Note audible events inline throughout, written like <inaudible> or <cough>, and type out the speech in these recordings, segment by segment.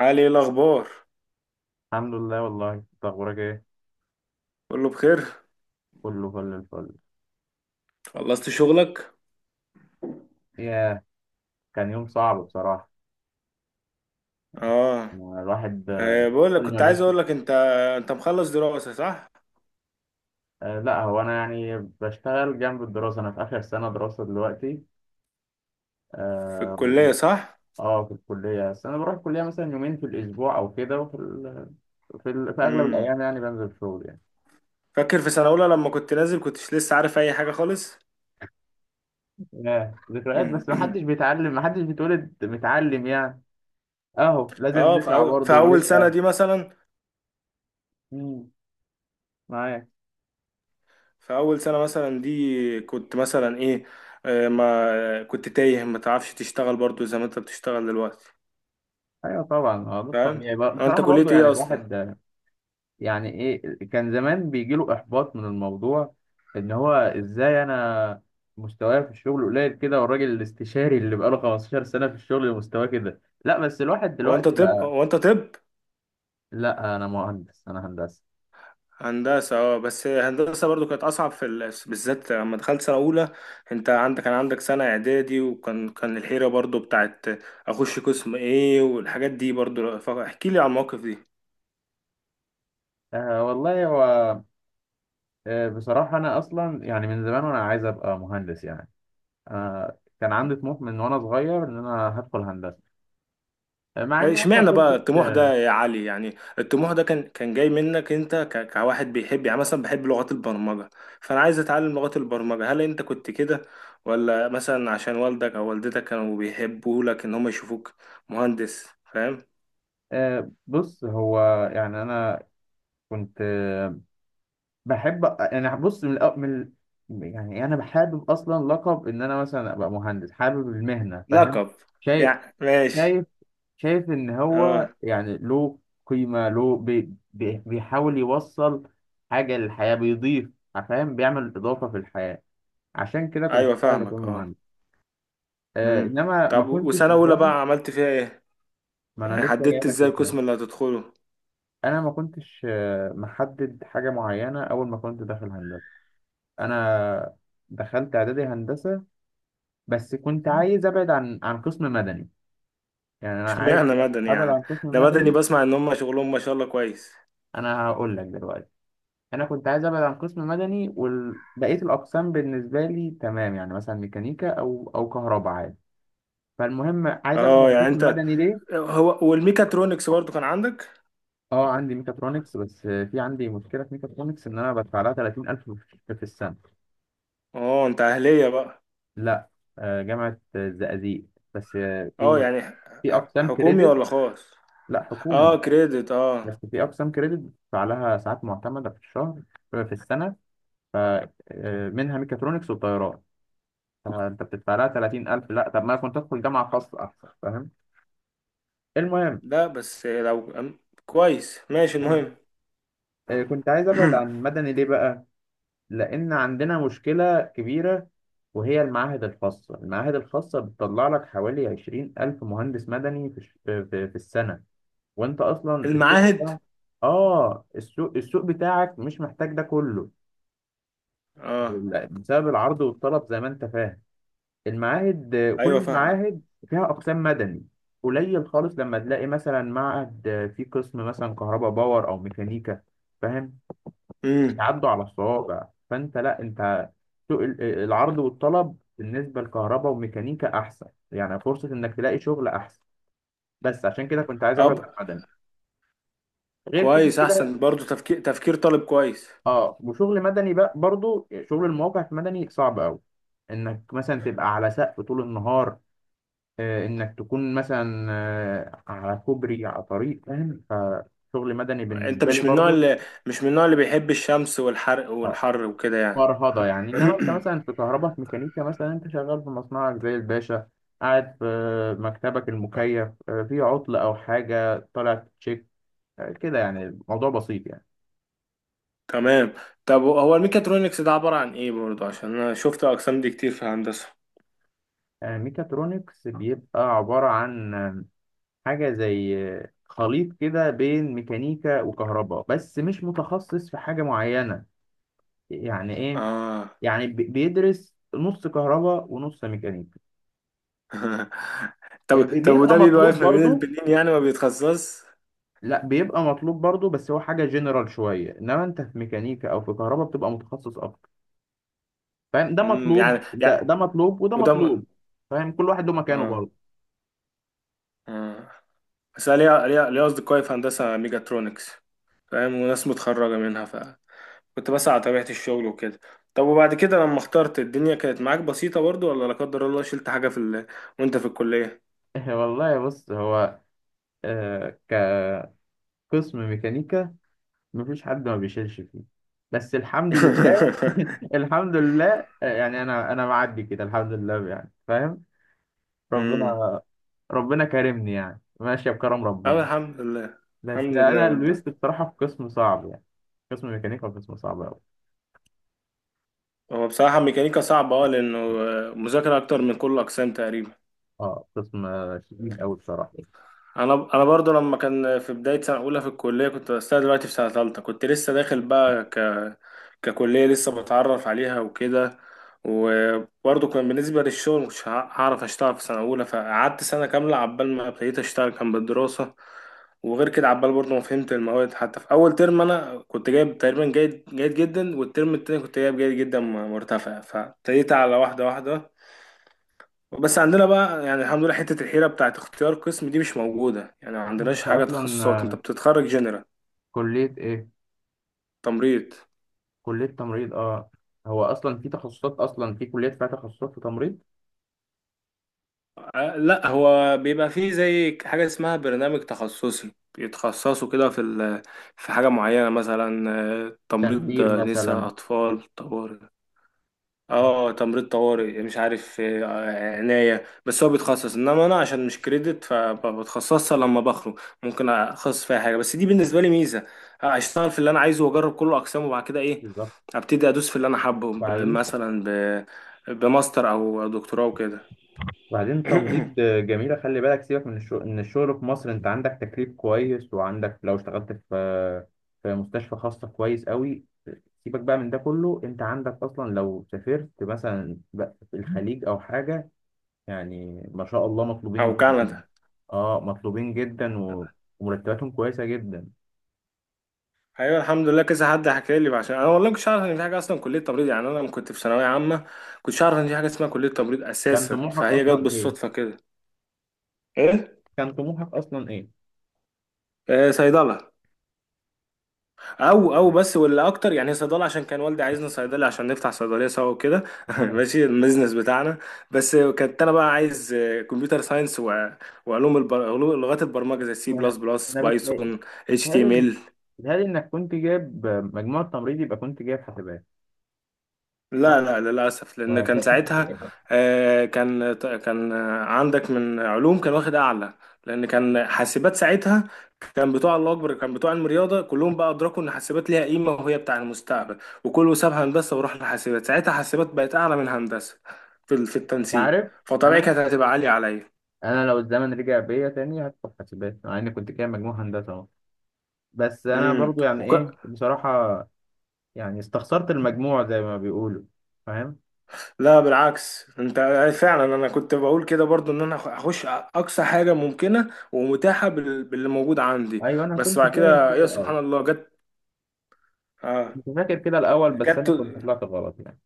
علي، ايه الاخبار؟ الحمد لله، والله انت اخبارك ايه؟ كله بخير. كله فل الفل. خلصت شغلك؟ ياه، كان يوم صعب بصراحه. اه. ما الواحد بقول لك كل ما كنت عايز بيطلع. اقول لك انت مخلص دراسة، صح؟ آه لا هو انا يعني بشتغل جنب الدراسه، انا في اخر سنه دراسه دلوقتي. في اه الكلية، و- صح؟ في الكليه، بس انا بروح الكليه مثلا يومين في الاسبوع او كده، في اغلب امم الايام يعني بنزل شغل يعني. فاكر في سنة اولى لما كنت نازل كنتش لسه عارف اي حاجة خالص. ياه، ذكريات، مم. بس ما <clears throat> حدش بيتعلم، ما حدش بيتولد متعلم يعني. اهو، لازم اه، في نسعى اول برضه في اول سنة ونشقى. دي مثلا. مم، معايا. في اول سنة مثلا دي كنت مثلا ايه؟ ما كنت تايه، ما تعرفش تشتغل برضو زي ما انت بتشتغل دلوقتي؟ ايوه طبعا، ده فاهم. الطبيعي بقى. هو انت بصراحه كلية برضو يعني ايه اصلا؟ الواحد، يعني ايه، كان زمان بيجيله احباط من الموضوع. ان هو ازاي انا مستواي في الشغل قليل كده، والراجل الاستشاري اللي بقاله 15 سنة في الشغل مستواه كده؟ لا بس الواحد هو انت دلوقتي طب بقى. هو انت طب لا انا مهندس، انا هندسة. هندسة، اه. بس هندسة برضو كانت أصعب بالذات لما دخلت سنة أولى. أنت عندك كان عندك سنة إعدادي، وكان كان الحيرة برضو بتاعت أخش قسم إيه والحاجات دي. برضو فاحكي لي على المواقف دي. آه والله هو، آه بصراحة انا اصلا يعني من زمان وانا عايز ابقى مهندس يعني. آه، كان عندي طموح من وانا صغير ان انا هدخل هندسة. آه، مع اني ما اشمعنى كنتش. بقى الطموح ده يا علي؟ يعني الطموح ده كان جاي منك أنت، كواحد بيحب يعني مثلا بحب لغات البرمجة، فأنا عايز أتعلم لغات البرمجة؟ هل أنت كنت كده، ولا مثلا عشان والدك أو والدتك كانوا بيحبوا لك إن هم يشوفوك مهندس؟ فاهم. آه بص هو، يعني انا كنت بحب، انا بص من, الأ- من ال- يعني انا حابب اصلا لقب ان انا مثلا ابقى مهندس، حابب المهنه، فاهم؟ لقب؟ شايف، يعني ماشي. شايف، شايف ان هو اه. يعني له قيمه، له بي بي بيحاول يوصل حاجه للحياه، بيضيف، فاهم، بيعمل اضافه في الحياه. عشان كده كنت ايوه، حابب اكون فاهمك، اه. مهندس. آه امم انما ما طب، كنتش وسنه اولى بصراحه. بقى عملت فيها ايه؟ ما يعني انا لسه جاي حددت لك في ازاي الكلام. القسم اللي هتدخله؟ انا ما كنتش محدد حاجه معينه اول ما كنت داخل هندسه. انا دخلت اعدادي هندسه، بس كنت عايز ابعد عن قسم مدني. يعني انا عايز اشمعنى مدني ابعد يعني؟ عن قسم ده مدني مدني. بسمع ان هم شغلهم ما شاء الله كويس. انا هقول لك دلوقتي، انا كنت عايز ابعد عن قسم مدني، وبقيه الاقسام بالنسبه لي تمام، يعني مثلا ميكانيكا او كهرباء عادي. فالمهم عايز ابعد اه عن يعني قسم انت، مدني، ليه؟ هو والميكاترونكس برضو كان عندك؟ اه عندي ميكاترونكس، بس في عندي مشكله في ميكاترونكس ان انا بدفع لها 30000 في السنه. اه، انت اهليه بقى؟ لا، آه، جامعه الزقازيق، بس آه، اه يعني، في اقسام حكومي كريدت. ولا خاص؟ لا اه، حكومي، كريدت، اه. بس في أقسام كريدت بتدفع لها ساعات معتمدة في الشهر، في السنة. ف منها ميكاترونكس وطيران، فأنت بتدفع لها 30000. لا طب ما أنا كنت أدخل جامعة خاصة أحسن، فاهم؟ المهم، لا بس لو أم- كويس ماشي آه، المهم. كنت عايز أبعد عن <clears throat> مدني ليه بقى؟ لأن عندنا مشكلة كبيرة، وهي المعاهد الخاصة. المعاهد الخاصة بتطلع لك حوالي 20000 مهندس مدني في, الش- آه، في, في السنة، وأنت أصلا السوق المعاهد. بتاعك، آه السوق، بتاعك مش محتاج ده كله. اه. لا، بسبب العرض والطلب زي ما انت فاهم. المعاهد، كل ايوه فاهمه. المعاهد فيها اقسام مدني. قليل خالص لما تلاقي مثلا معهد فيه قسم مثلا كهرباء باور او ميكانيكا، فاهم؟ امم يتعدوا على الصوابع. فانت لا انت، سوق ال- آه، العرض والطلب بالنسبه لكهرباء وميكانيكا احسن، يعني فرصه انك تلاقي شغل احسن. بس عشان كده كنت عايز ابعد عن مدني. غير كده كويس، احسن كده، برضو، تفكير طالب كويس. اه وشغل مدني بقى، برضو شغل المواقع في مدني صعب قوي. انك مثلا تبقى على سقف طول النهار، انك تكون مثلا على كوبري، على طريق، فاهم؟ فشغل مدني انت بالنسبه لي برضو مش من النوع اللي بيحب الشمس والحرق اه والحر وكده يعني. فرهضه يعني. انما انت <clears throat> مثلا في كهرباء، في ميكانيكا مثلا، انت شغال في مصنعك زي الباشا، قاعد في مكتبك المكيف، في عطل او حاجه طالع تشيك. كده يعني، الموضوع بسيط يعني. تمام. طب هو الميكاترونكس ده عبارة عن ايه برضو؟ عشان انا شفت الاقسام دي كتير في هندسة. ميكاترونكس بيبقى عباره عن حاجه زي خليط كده بين ميكانيكا وكهرباء، بس مش متخصص في حاجه معينه. يعني ايه؟ اه. يعني بيدرس نص كهرباء ونص ميكانيكا. <laughs> طب طب بيبقى وده بيبقى مطلوب واقف ما بين برضو. البنين يعني ما بيتخصص؟ لا بيبقى مطلوب برضو، بس هو حاجة جنرال شوية. انما انت في ميكانيكا او في كهرباء بتبقى متخصص اكتر، فاهم؟ ده مطلوب، يعني، يعني ده مطلوب، وده وده م... مطلوب. فاهم؟ كل واحد له مكانه اه، برضه. اه، بس أنا ليا اصدقائي في هندسة ميكاترونكس، فاهم؟ وناس متخرجة منها. كنت بس على طبيعة الشغل وكده. طب وبعد كده لما اخترت، الدنيا كانت معاك بسيطة برضو، ولا لا قدر الله شلت حاجة <laughs> وانت في الكلية؟ <laughs> والله بص هو، آه كقسم ميكانيكا مفيش حد ما بيشيلش فيه، بس الحمد لله. <laughs> <laughs> الحمد لله، يعني انا معدي كده، الحمد لله يعني، فاهم؟ امم ربنا، ربنا كرمني يعني، ماشية بكرم اه، ربنا. الحمد لله. بس الحمد لله أنا والله. لبست بصراحة في قسم صعب يعني، قسم ميكانيكا قسم صعب أوي. هو بصراحة ميكانيكا صعبة، اه، لأنه مذاكرة أكتر من كل الأقسام تقريبا. أه قسم شديد أوي بصراحة. انا برضو لما كان في بدايه سنه اولى في الكليه، كنت بس أنا دلوقتي في سنه ثالثه، كنت لسه داخل بقى ككليه لسه بتعرف عليها وكده، وبرضو كان بالنسبه للشغل مش هعرف اشتغل في سنه اولى، فقعدت سنه كامله عبال ما ابتديت اشتغل كان بالدراسه. وغير كده عبال برضو ما فهمت المواد، حتى في اول ترم انا كنت جايب تقريبا جيد جدا، والترم التاني كنت جايب جيد جدا مرتفع، فابتديت على واحده واحده. بس عندنا بقى يعني الحمد لله حتة الحيرة بتاعت اختيار قسم دي مش موجودة، يعني ما عندناش أنت حاجة أصلا تخصصات، انت بتتخرج جنرال. كلية إيه؟ تمريض. كلية تمريض، أه. هو أصلا في تخصصات، أصلا في كليات فيها تخصصات في تمريض؟ لا، هو بيبقى فيه زي حاجة اسمها برنامج تخصصي، بيتخصصوا كده في حاجة معينة، مثلا تمريض، تخدير نساء، مثلا. أطفال، طوارئ. آه، اه، تمريض طوارئ، مش عارف، عناية. بس هو بيتخصص، انما انا عشان مش كريدت فبتخصصها لما بخرج ممكن اخصص فيها حاجة، بس دي بالنسبة لي ميزة. اشتغل في اللي انا عايزه واجرب كل اقسامه، وبعد كده ايه، بالظبط. ابتدي ادوس في اللي انا حابه بعدين، مثلا بماستر او دكتوراه وكده. وبعدين تمريض <clears throat> جميلة. خلي بالك، سيبك من الشغل، ان الشغل في مصر انت عندك تكليف كويس، وعندك لو اشتغلت في في مستشفى خاصة كويس قوي. سيبك بقى من ده كله، انت عندك اصلا لو سافرت مثلا بقى في الخليج او حاجة، يعني ما شاء الله او مطلوبين جدا. كندا. اه مطلوبين جدا، ومرتباتهم كويسة جدا. ايوه الحمد لله، كذا حد حكى لي، عشان انا والله ما كنتش عارف ان في حاجه اصلا كليه تمريض. يعني انا لما كنت في ثانويه عامه كنتش عارف ان في حاجه اسمها كليه تمريض كان اساسا، طموحك فهي جت اصلا ايه؟ بالصدفه كده. ايه؟ كان طموحك اصلا ايه؟ صيدله، او بس، واللي اكتر يعني صيدله عشان كان والدي عايزنا صيدلي عشان نفتح صيدليه سوا وكده. <laughs> <laughs> ماشي، البيزنس بتاعنا. بس كنت انا بقى عايز كمبيوتر ساينس، وعلوم لغات البرمجه، زي سي ما- بلس بلس انا بتهيألي، بايثون، اتش تي ام بتهيألي، ال بتهيألي انك كنت جايب مجموع التمريض، يبقى كنت جايب حسابات، صح؟ لا لا، للأسف، لأن ولا كان بتهيألي ساعتها حسابات؟ كان عندك من علوم كان واخد أعلى، لأن كان حاسبات ساعتها. كان بتوع الله أكبر، كان بتوع علم رياضة كلهم بقى أدركوا إن حاسبات ليها قيمة وهي بتاع المستقبل، وكله ساب هندسة وراح لحاسبات، ساعتها حاسبات بقت أعلى من هندسة في <laughs> انت التنسيق، عارف، فطبيعي انا، كانت هتبقى عالية عليا. انا لو الزمن رجع بيا تاني هدخل حسابات، مع اني كنت جايب مجموع هندسة اهو. بس انا امم برضو يعني ايه بصراحة، يعني استخسرت المجموع زي ما بيقولوا، فاهم؟ لا بالعكس، انت فعلا، انا كنت بقول كده برضو ان انا اخش اقصى حاجه ممكنه ومتاحه باللي موجود عندي. ايوه انا بس كنت بعد فاهم كده كده يا الاول، سبحان الله جت. اه. كنت فاكر كده الاول، بس جت. انا كنت طلعت غلط يعني.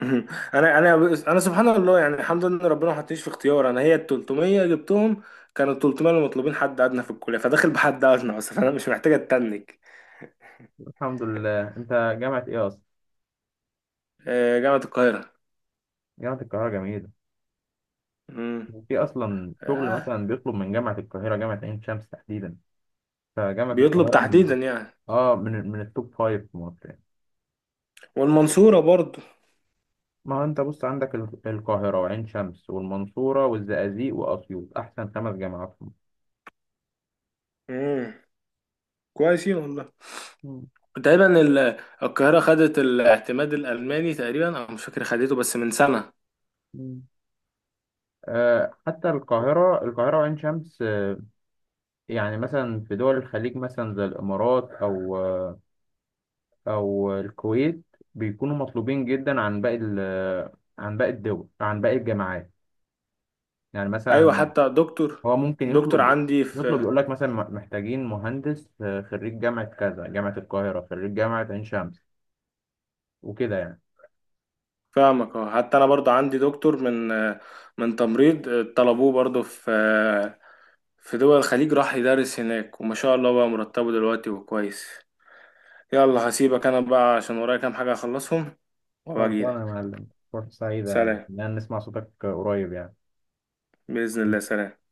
<laughs> انا انا سبحان الله، يعني الحمد لله ان ربنا ما حطنيش في اختيار. انا هي ال 300 جبتهم، كانوا ال 300 اللي مطلوبين حد ادنى في الكليه، فداخل بحد ادنى اصلا فانا مش محتاج اتنك. الحمد لله. انت جامعة ايه اصلا؟ جامعه القاهره. جامعة القاهرة، جميلة. مم. في اصلا شغل آه، مثلا بيطلب من جامعه القاهره، جامعه عين شمس تحديدا. فجامعه بيطلب القاهره، تحديدا يعني؟ اه من التوب فايف في مصر يعني. والمنصوره برضو. ما هو انت بص عندك القاهره وعين شمس والمنصوره والزقازيق واسيوط، احسن خمس جامعات في مصر. مم. كويسين والله. مم. تقريبا القاهرة خدت الاعتماد الألماني، تقريبا أنا مش فاكر خدته بس من سنة. مم. آه، حتى القاهرة، وعين شمس، آه، يعني مثلا في دول الخليج مثلا زي الإمارات أو آه، أو الكويت، بيكونوا مطلوبين جدا عن عن باقي الدول، عن باقي الجامعات. يعني أيوة، مثلا حتى دكتور، هو ممكن دكتور يطلب، عندي يطلب في. يقول لك مثلا محتاجين مهندس خريج جامعة كذا، جامعة القاهرة، خريج جامعة عين شمس، وكده يعني. فاهمك، اه، حتى أنا برضه عندي دكتور، من تمريض، طلبوه برضه في دول الخليج، راح يدرس هناك وما شاء الله بقى مرتبه دلوقتي وكويس. يلا هسيبك أنا بقى عشان ورايا كام حاجة أخلصهم، وأبقى خلصانة يا أجيلك. معلم، فرصة سعيدة يعني سلام. إن أنا نسمع صوتك قريب يعني. بإذن الله، سلام.